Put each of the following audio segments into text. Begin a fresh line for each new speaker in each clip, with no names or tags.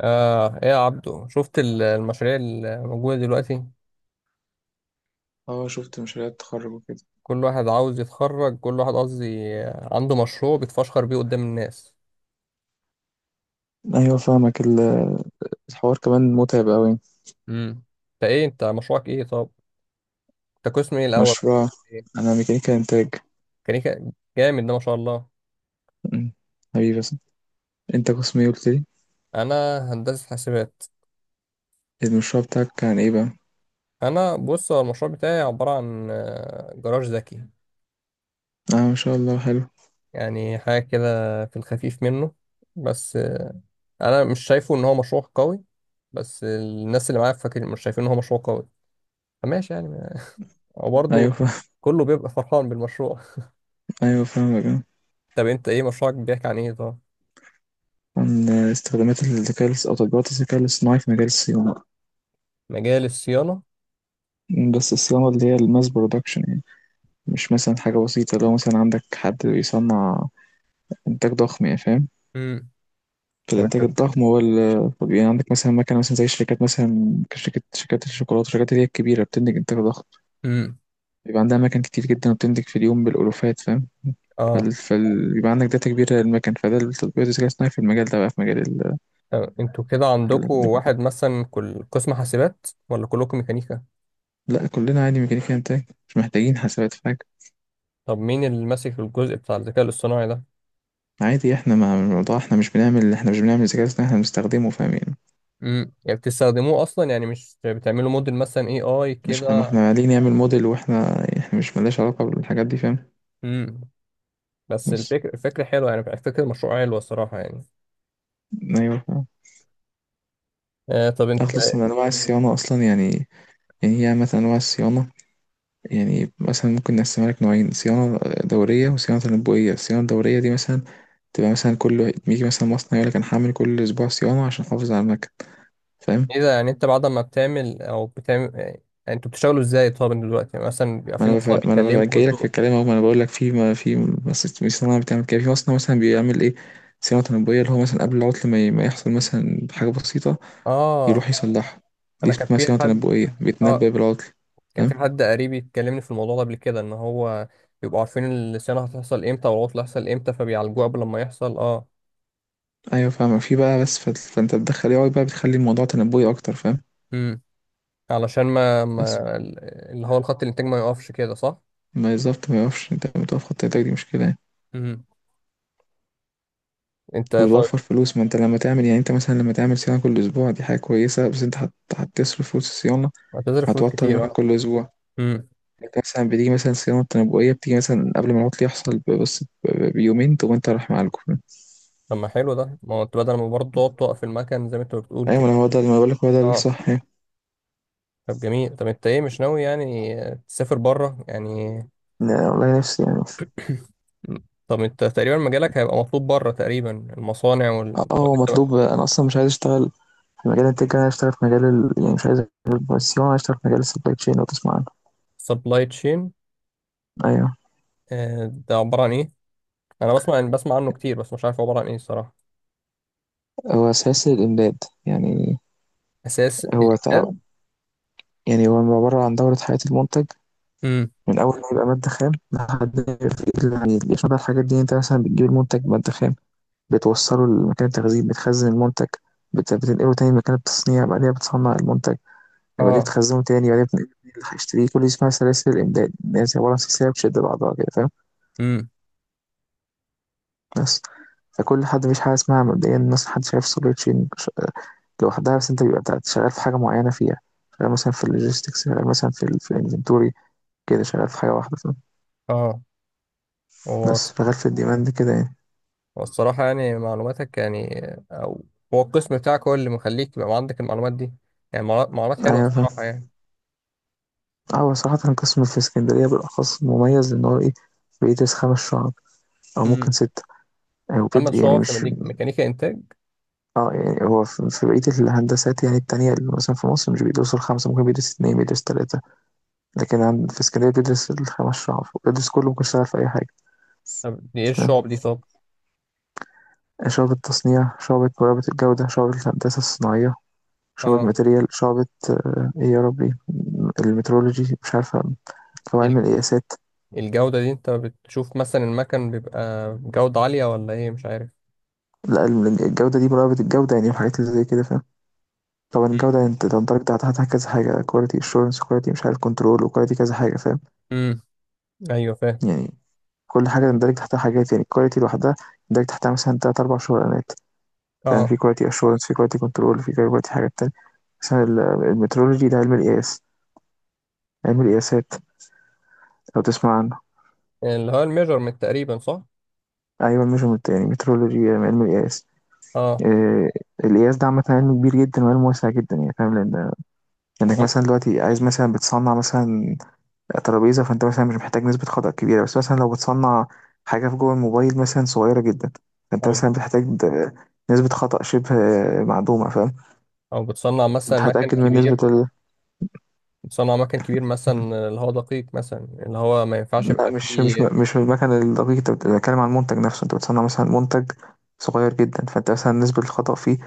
ايه يا عبدو، شفت المشاريع الموجودة دلوقتي؟
اه، شفت مشاريع التخرج وكده.
كل واحد عاوز يتخرج، كل واحد قصدي عنده مشروع بيتفشخر بيه قدام الناس.
ايوه فاهمك. الحوار كمان متعب قوي.
امم انت مشروعك ايه طب؟ انت قسم ايه الاول؟
مشروع.
إيه؟
انا ميكانيكا انتاج.
ميكانيكا؟ جامد ده، ما شاء الله.
أمم، حبيبي بس. انت قسم ايه قلت لي؟
انا هندسة حاسبات.
المشروع بتاعك كان ايه بقى؟
انا بص، هو المشروع بتاعي عبارة عن جراج ذكي.
اه، ما شاء الله حلو.
يعني حاجة كده في الخفيف منه. بس انا مش شايفه ان هو مشروع قوي. بس الناس اللي معايا فاكر مش شايفين ان هو مشروع قوي، فماشي يعني. وبرضه
ايوه فاهم.
كله بيبقى فرحان بالمشروع.
ايوه فاهمك آه.
طب، انت ايه مشروعك بيحكي عن ايه طب؟
عن استخدامات الذكاء الاص- او تطبيقات الذكاء الاصطناعي في مجال الصيانه.
مجال الصيانة.
بس الصيانه اللي هي الماس برودكشن يعني، مش مثلا حاجه بسيطه. لو مثلا عندك حد بيصنع انتاج ضخم يعني، فاهم؟
امم
في
طب انت
الانتاج الضخم
بت-
طب يعني عندك مثلا مكنه، مثلا زي شركات مثلا كشركه، شركات الشوكولاته، الشركات اللي هي الكبيره بتنتج انتاج ضخم.
امم
بيبقى عندها مكن كتير جدا، وبتنتج في اليوم بالالوفات، فاهم؟
اه
بيبقى عندك داتا كبيره للمكن، فده التطبيقات الذكاء الاصطناعي في المجال ده بقى، في مجال
طب، انتوا كده عندكم
الانتاج الضخم.
واحد مثلا، كل قسم حاسبات ولا كلكم ميكانيكا؟
لا، كلنا عادي ميكانيكا انتاج، مش محتاجين حسابات في حاجه.
طب مين اللي ماسك الجزء بتاع الذكاء الاصطناعي ده؟
عادي، احنا مع الموضوع، احنا مش بنعمل ذكاء اصطناعي، احنا بنستخدمه فاهم يعني.
يعني بتستخدموه اصلا، يعني مش بتعملوا موديل مثلا AI
مش احنا، ما
كده؟
احنا عليه نعمل موديل، واحنا مش مالناش علاقه بالحاجات دي، فاهم؟
امم بس
بس
الفكرة حلوة، يعني فكرة المشروع حلوة الصراحة يعني.
ايوه فاهم.
طب
اخلص
انت
من انواع الصيانه اصلا يعني. هي مثلا أنواع الصيانة، يعني مثلا ممكن نقسمها لك نوعين صيانة، دورية وصيانة تنبؤية. الصيانة الدورية دي مثلا تبقى مثلا كل، بيجي مثلا مصنع يقول لك أنا هعمل كل أسبوع صيانة عشان أحافظ على المكن، فاهم؟
ايه؟ ده يعني انت بعد ما بتعمل يعني، انتوا بتشتغلوا ازاي طب دلوقتي؟ يعني مثلا بيبقى
ما
في
أنا بف...
مصنع
ما أنا بف...
بيكلمكم،
جاي لك في
انتوا.
الكلام أهو، ما أنا بقول لك، في ما في بس في صناعة بتعمل كده، في مصنع مثلا بيعمل إيه؟ صيانة تنبؤية، اللي هو مثلا قبل العطل ما يحصل مثلا حاجة بسيطة يروح
اه
يصلحها. دي
انا كان
اسمها
في
صيانة
حد
تنبؤية، بيتنبأ
اه
بالعطل،
كان في
فاهم؟
حد قريبي يتكلمني في الموضوع ده قبل كده، ان هو بيبقوا عارفين الصيانه هتحصل امتى والعطل هيحصل امتى، فبيعالجوه قبل ما يحصل. اه.
أيوه فاهم، في بقى، بس فأنت بتدخل AI بقى، بتخلي الموضوع تنبؤي أكتر، فاهم؟
امم علشان ما,
بس
ما اللي هو الخط الانتاج ما يقفش كده، صح؟
ما بالظبط، ما يقفش. انت لما تقف خط، ايدك دي مشكلة يعني،
امم. انت طيب.
وتوفر فلوس. ما انت لما تعمل يعني، انت مثلا لما تعمل صيانة كل اسبوع دي حاجة كويسة، بس انت هتصرف فلوس الصيانة،
هتصرف فلوس
هتوتر
كتير.
المكان
اه.
كل اسبوع.
امم.
انت مثلا بتيجي مثلا صيانة تنبؤية، بتيجي مثلا قبل ما العطل يحصل بس بيومين، تقوم انت رايح معالجه.
طب ما حلو ده، ما هو انت بدل ما برضه تقعد توقف المكن زي ما انت بتقول
ايوه، ما
كده.
هو ده ما بقولك، هو ده
اه.
الصح يعني.
طب جميل، طب انت ايه مش ناوي يعني تسافر بره يعني؟
لا، والله نفسي يعني.
طب انت تقريبا مجالك هيبقى مطلوب بره تقريبا، المصانع وال...
اه، هو مطلوب. انا اصلا مش عايز اشتغل في مجال التك، انا عايز اشتغل في مجال ال... يعني مش عايز اشتغل في الصيانة، عايز اشتغل في مجال السبلاي تشين، لو تسمع عنه.
سبلاي تشين؟
ايوه.
ده عبارة عن ايه؟ انا بسمع عنه كتير بس مش عارف هو عبارة عن ايه الصراحة.
هو اساس الامداد يعني.
اساس
هو تع-
الاحداد؟
يعني هو عبارة عن دورة حياة المنتج،
امم.
من أول ما يبقى مادة خام لحد ما يبقى في إيد العميل. يشمل بقى الحاجات دي، أنت مثلا بتجيب المنتج مادة خام، بتوصله لمكان التخزين، بتخزن المنتج، بتنقله تاني مكان التصنيع، بعدين بتصنع المنتج، بعدين
اه.
بتخزنه تاني، بعدين بتنقله تاني اللي هيشتريه. كل دي اسمها سلاسل الإمداد، اللي هي زي عبارة عن سلسلة بتشد بعضها كده، فاهم؟
امم.
بس فكل حد، مفيش حاجة اسمها مبدئيا مثلا حد شايف سوبر تشين لوحدها، بس أنت بيبقى شغال في حاجة معينة فيها. شغال مثلا في اللوجيستكس، شغال مثلا في في الانفنتوري، كده شغال في حاجة واحدة،
اه. هو
بس شغال في الديماند كده يعني.
هو الصراحة يعني معلوماتك يعني، او هو القسم بتاعك هو اللي مخليك يبقى عندك المعلومات دي؟ يعني معلومات حلوة
ايوه فاهم.
الصراحة يعني.
اه، هو صراحة قسم في اسكندرية بالاخص مميز، لان هو ايه، بيدرس 5 شعب، او ممكن
امم.
6، او
اما
بيد يعني،
الشعب في
مش،
ميكانيكا انتاج.
اه يعني هو في في بقية الهندسات يعني التانية اللي مثلا في مصر مش بيدرسوا 5، ممكن بيدرس 2، بيدرس 3، لكن عند في اسكندرية بيدرس الـ5 شعب، بيدرس كله، ممكن يشتغل في أي حاجة.
طب دي ايه
تمام،
الشعب دي طب؟
شعبة تصنيع، شعبة مراقبة الجودة، شعبة الهندسة الصناعية، شعبة
اه.
ماتريال، شعبة، ايه يا ربي، المترولوجي، مش عارفة، أو علم
ال-
القياسات.
الجودة دي انت بتشوف مثلا المكن بيبقى جودة عالية ولا ايه، مش عارف.
لا، الجودة دي مراقبة الجودة، يعني الحاجات اللي زي كده فاهم. طبعا الجودة يعني، انت تندرج تحتها كذا حاجة، كواليتي اشورنس، كواليتي مش عارف كنترول، وكواليتي كذا حاجة، فاهم؟
امم، ايوه فاهم.
يعني كل حاجة تندرج تحتها حاجات. يعني الكواليتي لوحدها تندرج تحتها مثلا 3 أو 4 شغلانات، فاهم؟
اه،
في كواليتي اشورنس، في كواليتي كنترول، في كواليتي حاجات تانية. مثلا المترولوجي ده علم القياس، علم القياسات، لو تسمع عنه.
اللي هو الميجرمنت تقريبا، صح؟
أيوة ميجرمنت، يعني مترولوجي، علم القياس.
اه.
آه، القياس ده عامة علم كبير جدا وعلم واسع جدا يعني، فاهم؟ لأن إنك
عن-
مثلا دلوقتي عايز، مثلا بتصنع مثلا ترابيزه، فانت مثلا مش محتاج نسبه خطأ كبيره، بس مثلا لو بتصنع حاجه في جوه الموبايل مثلا صغيره جدا، فانت
او
مثلا بتحتاج نسبه خطأ شبه معدومه، فاهم؟
او بتصنع مثلا
انت
مكن
هتأكد من
كبير،
نسبه ال...
بتصنع مكن كبير
م.
مثلا اللي هو دقيق، مثلا اللي هو ما ينفعش
لا،
يبقى
مش مش
فيه،
مش المكن الدقيق، انت بتتكلم عن المنتج نفسه. انت بتصنع مثلا منتج صغير جدا، فانت مثلا نسبه الخطأ فيه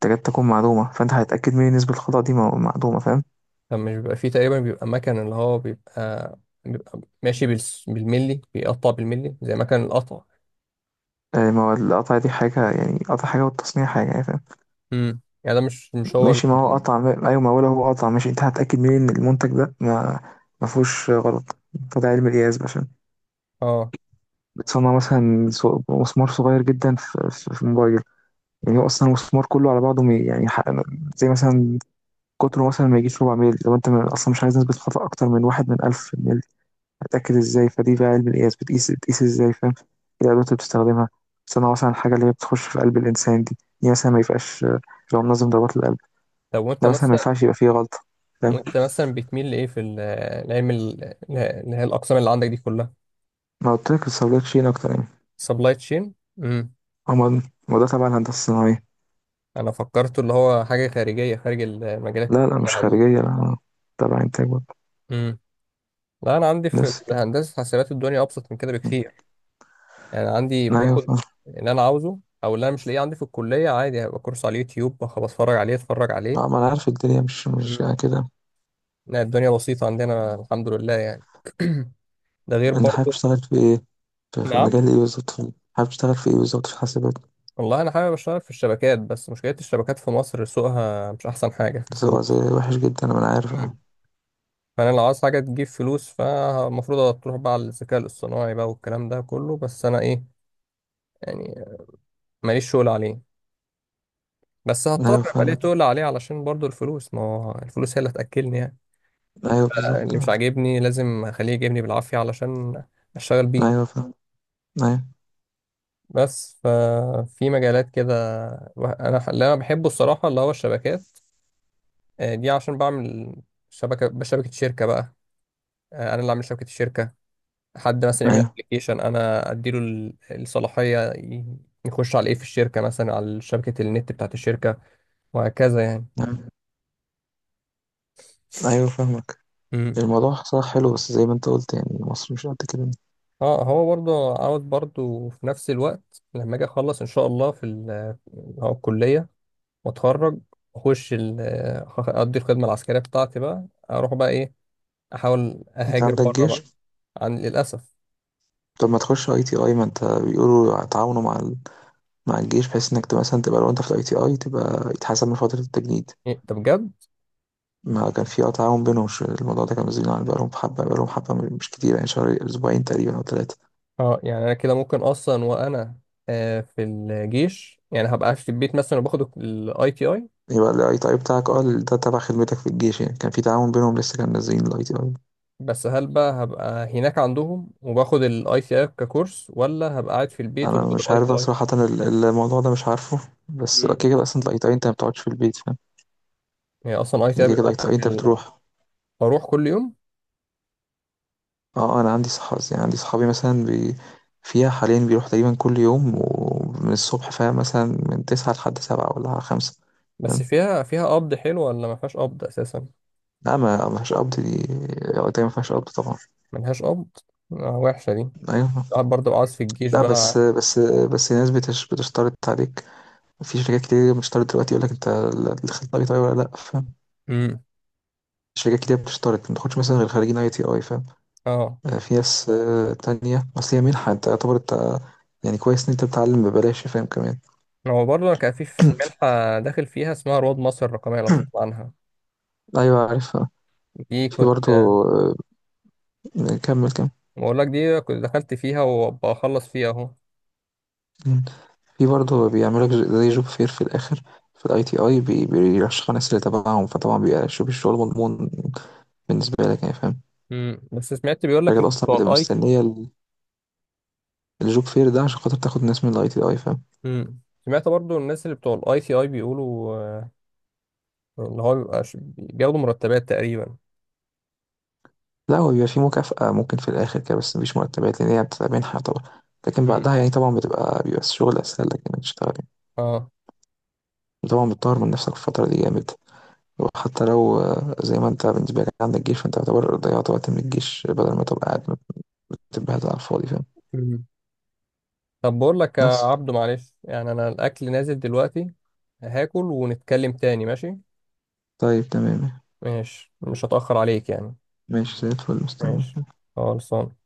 تكاد تكون معدومه، فانت هتأكد من نسبه الخطأ دي معدومه، فاهم؟
مش بيبقى فيه تقريبا، بيبقى مكن اللي هو بيبقى، بيبقى ماشي بالملي، بيقطع بالملي زي مكن القطع.
آه، ما هو القطع دي حاجه يعني، قطع حاجه، والتصنيع حاجه يعني، فاهم؟
يعني ده مش هو
ماشي، ما هو قطع ايوه، ما هو لو هو قطع ماشي، انت هتأكد منين ان المنتج ده ما، ما فيهوش غلط؟ ده علم القياس بقى، عشان
اه.
بتصنع مثلا مسمار صغير جدا في موبايل. يعني هو اصلا المسمار كله على بعضه يعني زي مثلا قطره، مثلا ما يجيش ربع ميل، لو انت اصلا مش عايز نسبة خطأ اكتر من واحد من ألف ميل، هتأكد ازاي؟ فدي بقى علم القياس، بتقيس ازاي، فاهم؟ ايه الأدوات اللي بتستخدمها. بتصنع مثلا الحاجة اللي هي بتخش في قلب الإنسان، دي مثلا ما يبقاش، لو منظم ضربات القلب،
طب وانت
ده مثلا ما
مثلا،
ينفعش يبقى فيه غلطة، فاهم؟
وانت مثلا بتميل لايه في العلم اللي هي الاقسام اللي عندك دي كلها؟
ما قلت لك الصيدلية تشيل أكتر يعني.
سبلاي تشين. امم.
أما، ما ده تبع الهندسة الصناعية.
انا فكرته اللي هو حاجه خارجيه، خارج المجالات
لا لا، مش
بتاعها دي.
خارجية لا. تبع إنتاج برضه.
امم. لا، انا عندي في
بس كده.
الهندسه حاسبات الدنيا ابسط من كده
م.
بكتير. يعني عندي
أيوة
باخد
فاهم.
اللي انا عاوزه، او اللي انا مش لاقيه عندي في الكليه عادي هيبقى كورس على اليوتيوب بتفرج عليه اتفرج عليه.
ما أنا عارف الدنيا مش
امم.
يعني كده.
لا، الدنيا بسيطه عندنا، الحمد لله يعني. ده غير
أنت حابب
برضه.
تشتغل في إيه؟ في
نعم.
مجال إيه بالظبط؟ حابب تشتغل في إيه بالظبط، في حاسبات؟
والله انا حابب اشتغل في الشبكات، بس مشكله الشبكات في مصر سوقها مش احسن حاجه في
بس هو زي
الفلوس.
وحش جدا، ما أنا عارف
مم.
أه.
فانا لو عاوز حاجه تجيب فلوس فالمفروض تروح بقى على الذكاء الاصطناعي بقى والكلام ده كله، بس انا ايه يعني، ماليش شغل عليه. بس هضطر
أيوة
ابقى ليه
فاهمك.
تقول عليه علشان برضو الفلوس، ما هو الفلوس هي اللي هتاكلني يعني.
أيوة بالظبط.
اللي مش عاجبني لازم اخليه يجيبني بالعافيه علشان اشتغل بيه.
أيوة فاهم. أيوة.
بس ففي مجالات كده، انا اللي انا بحبه الصراحه اللي هو الشبكات. دي عشان بعمل بشبكه شركه بقى. انا اللي اعمل شبكه الشركه، حد مثلا يعمل
أيوة.
ابلكيشن انا اديله الصلاحيه يخش على ايه في الشركه، مثلا على شبكه النت بتاعت الشركه، وهكذا يعني.
أيوة. أيوة فاهمك.
امم.
الموضوع صح حلو، بس زي ما أنت قلت يعني مصر مش قد كده.
اه هو برضه عاوز برضه في نفس الوقت لما اجي اخلص ان شاء الله في هو الكليه، واتخرج، اخش اقضي الخدمه العسكريه بتاعتي بقى، اروح بقى ايه، احاول
أنت
اهاجر
عندك
بره
جيش.
بقى. للاسف.
طب ما تخش أي تي أي، ما أنت بيقولوا تعاونوا مع، مع الجيش، بحيث انك تبقى مثلا، تبقى لو انت في الاي تي اي تبقى يتحسب من فترة التجنيد.
إيه، طب بجد؟
ما كان في تعاون بينهم. مش الموضوع ده كان مسجون على، بقالهم حبة، بقالهم حبة مش كتير يعني، شهر، اسبوعين تقريبا، او 3.
اه يعني انا كده ممكن اصلا، وانا في الجيش يعني هبقى في البيت مثلا وباخد الـ ITI؟
يبقى الاي تي اي بتاعك ده تبع خدمتك في الجيش يعني، كان في تعاون بينهم، لسه كان نازلين الاي تي اي.
بس هل بقى هبقى هناك عندهم وباخد الـ ITI ككورس، ولا هبقى قاعد في البيت
انا
وباخد
مش
الاي تي
عارف
اي
صراحة الموضوع ده مش عارفه، بس كده
مم.
كده اصلا الاي تي اي انت ما بتقعدش في البيت، فاهم؟
هي اصلا اي تي
يعني
اي
كده كده
بيبقى
الاي تي اي
في
انت بتروح.
بروح كل يوم.
اه انا عندي صح يعني، عندي صحابي مثلا، فيها حاليا بيروح تقريبا كل يوم، ومن الصبح، فاهم؟ مثلا من 9 لحد 7 ولا 5،
بس
فاهم؟
فيها قبض حلو ولا ما فيهاش قبض اساسا؟
لا، ما ما فيهاش قبض دي، وقتها ما فيهاش قبض طبعا.
ملهاش قبض؟ آه، وحشه دي.
ايوه.
قاعد برضه بقى عايز في الجيش
لا بس،
بقى.
بس الناس بتشترط عليك. في شركات كتير بتشترط دلوقتي، يقول لك انت الخريج اي تي اي ولا لا، فاهم؟
امم.
شركات كتير بتشترط ما تاخدش مثلا غير خريجين اي تي اي، فاهم؟
اه
في ناس تانية، اصل هي منحة، انت يعتبر انت، يعني كويس ان انت بتتعلم ببلاش، فاهم كمان؟
هو برضه انا كان في منحه داخل فيها اسمها رواد مصر الرقميه، لو تسمع عنها.
ايوه عارف.
دي
في برضه.
كنت...
آه، كمّل، كمّل.
بقول لك، دي كنت دخلت فيها وبخلص فيها اهو.
إمم. في برضه بيعملوا لك ج زي job fair في الآخر، في الITI، بيرشّحوا الناس اللي تبعهم، فطبعًا بيبقى الشغل مضمون بالنسبة لك يعني، فاهم؟
امم. بس سمعت بيقول لك
الشركات
ان
أصلًا
بتوع
بتبقى
الـ I...
مستنية الjob fair ده عشان خاطر تاخُد ناس من الITI، فاهم؟
امم. سمعت برضو الناس اللي بتوع الـ ICI بيقولوا، ان هو بيبقى بياخدوا مرتبات تقريبا.
لأ، هو بيبقى في مكافأة ممكن في الآخر كده، بس ما فيش مرتبات، لإن هي بتبقى منحة طبعًا. لكن
امم.
بعدها يعني طبعًا، بيبقى الشغل أسهل لك إنّك تشتغل يعني.
اه.
وطبعًا بتطوّر من نَفْسك في الفترة دي جامد، وحتى لو زي ما أنت، بالنسبة لك عندك جيش، فأنت يعتبر ضيّعت وقت من الجيش بدل ما تبقى قاعد، تبقى على الفاضي، فاهم؟
امم. طب بقول لك يا
بس.
عبدو، معلش يعني، انا الاكل نازل دلوقتي، هاكل ونتكلم تاني، ماشي؟
طيب تمام.
ماشي، مش هتأخر عليك يعني.
ماشي زي الفل، مستني.
ماشي. خلصان.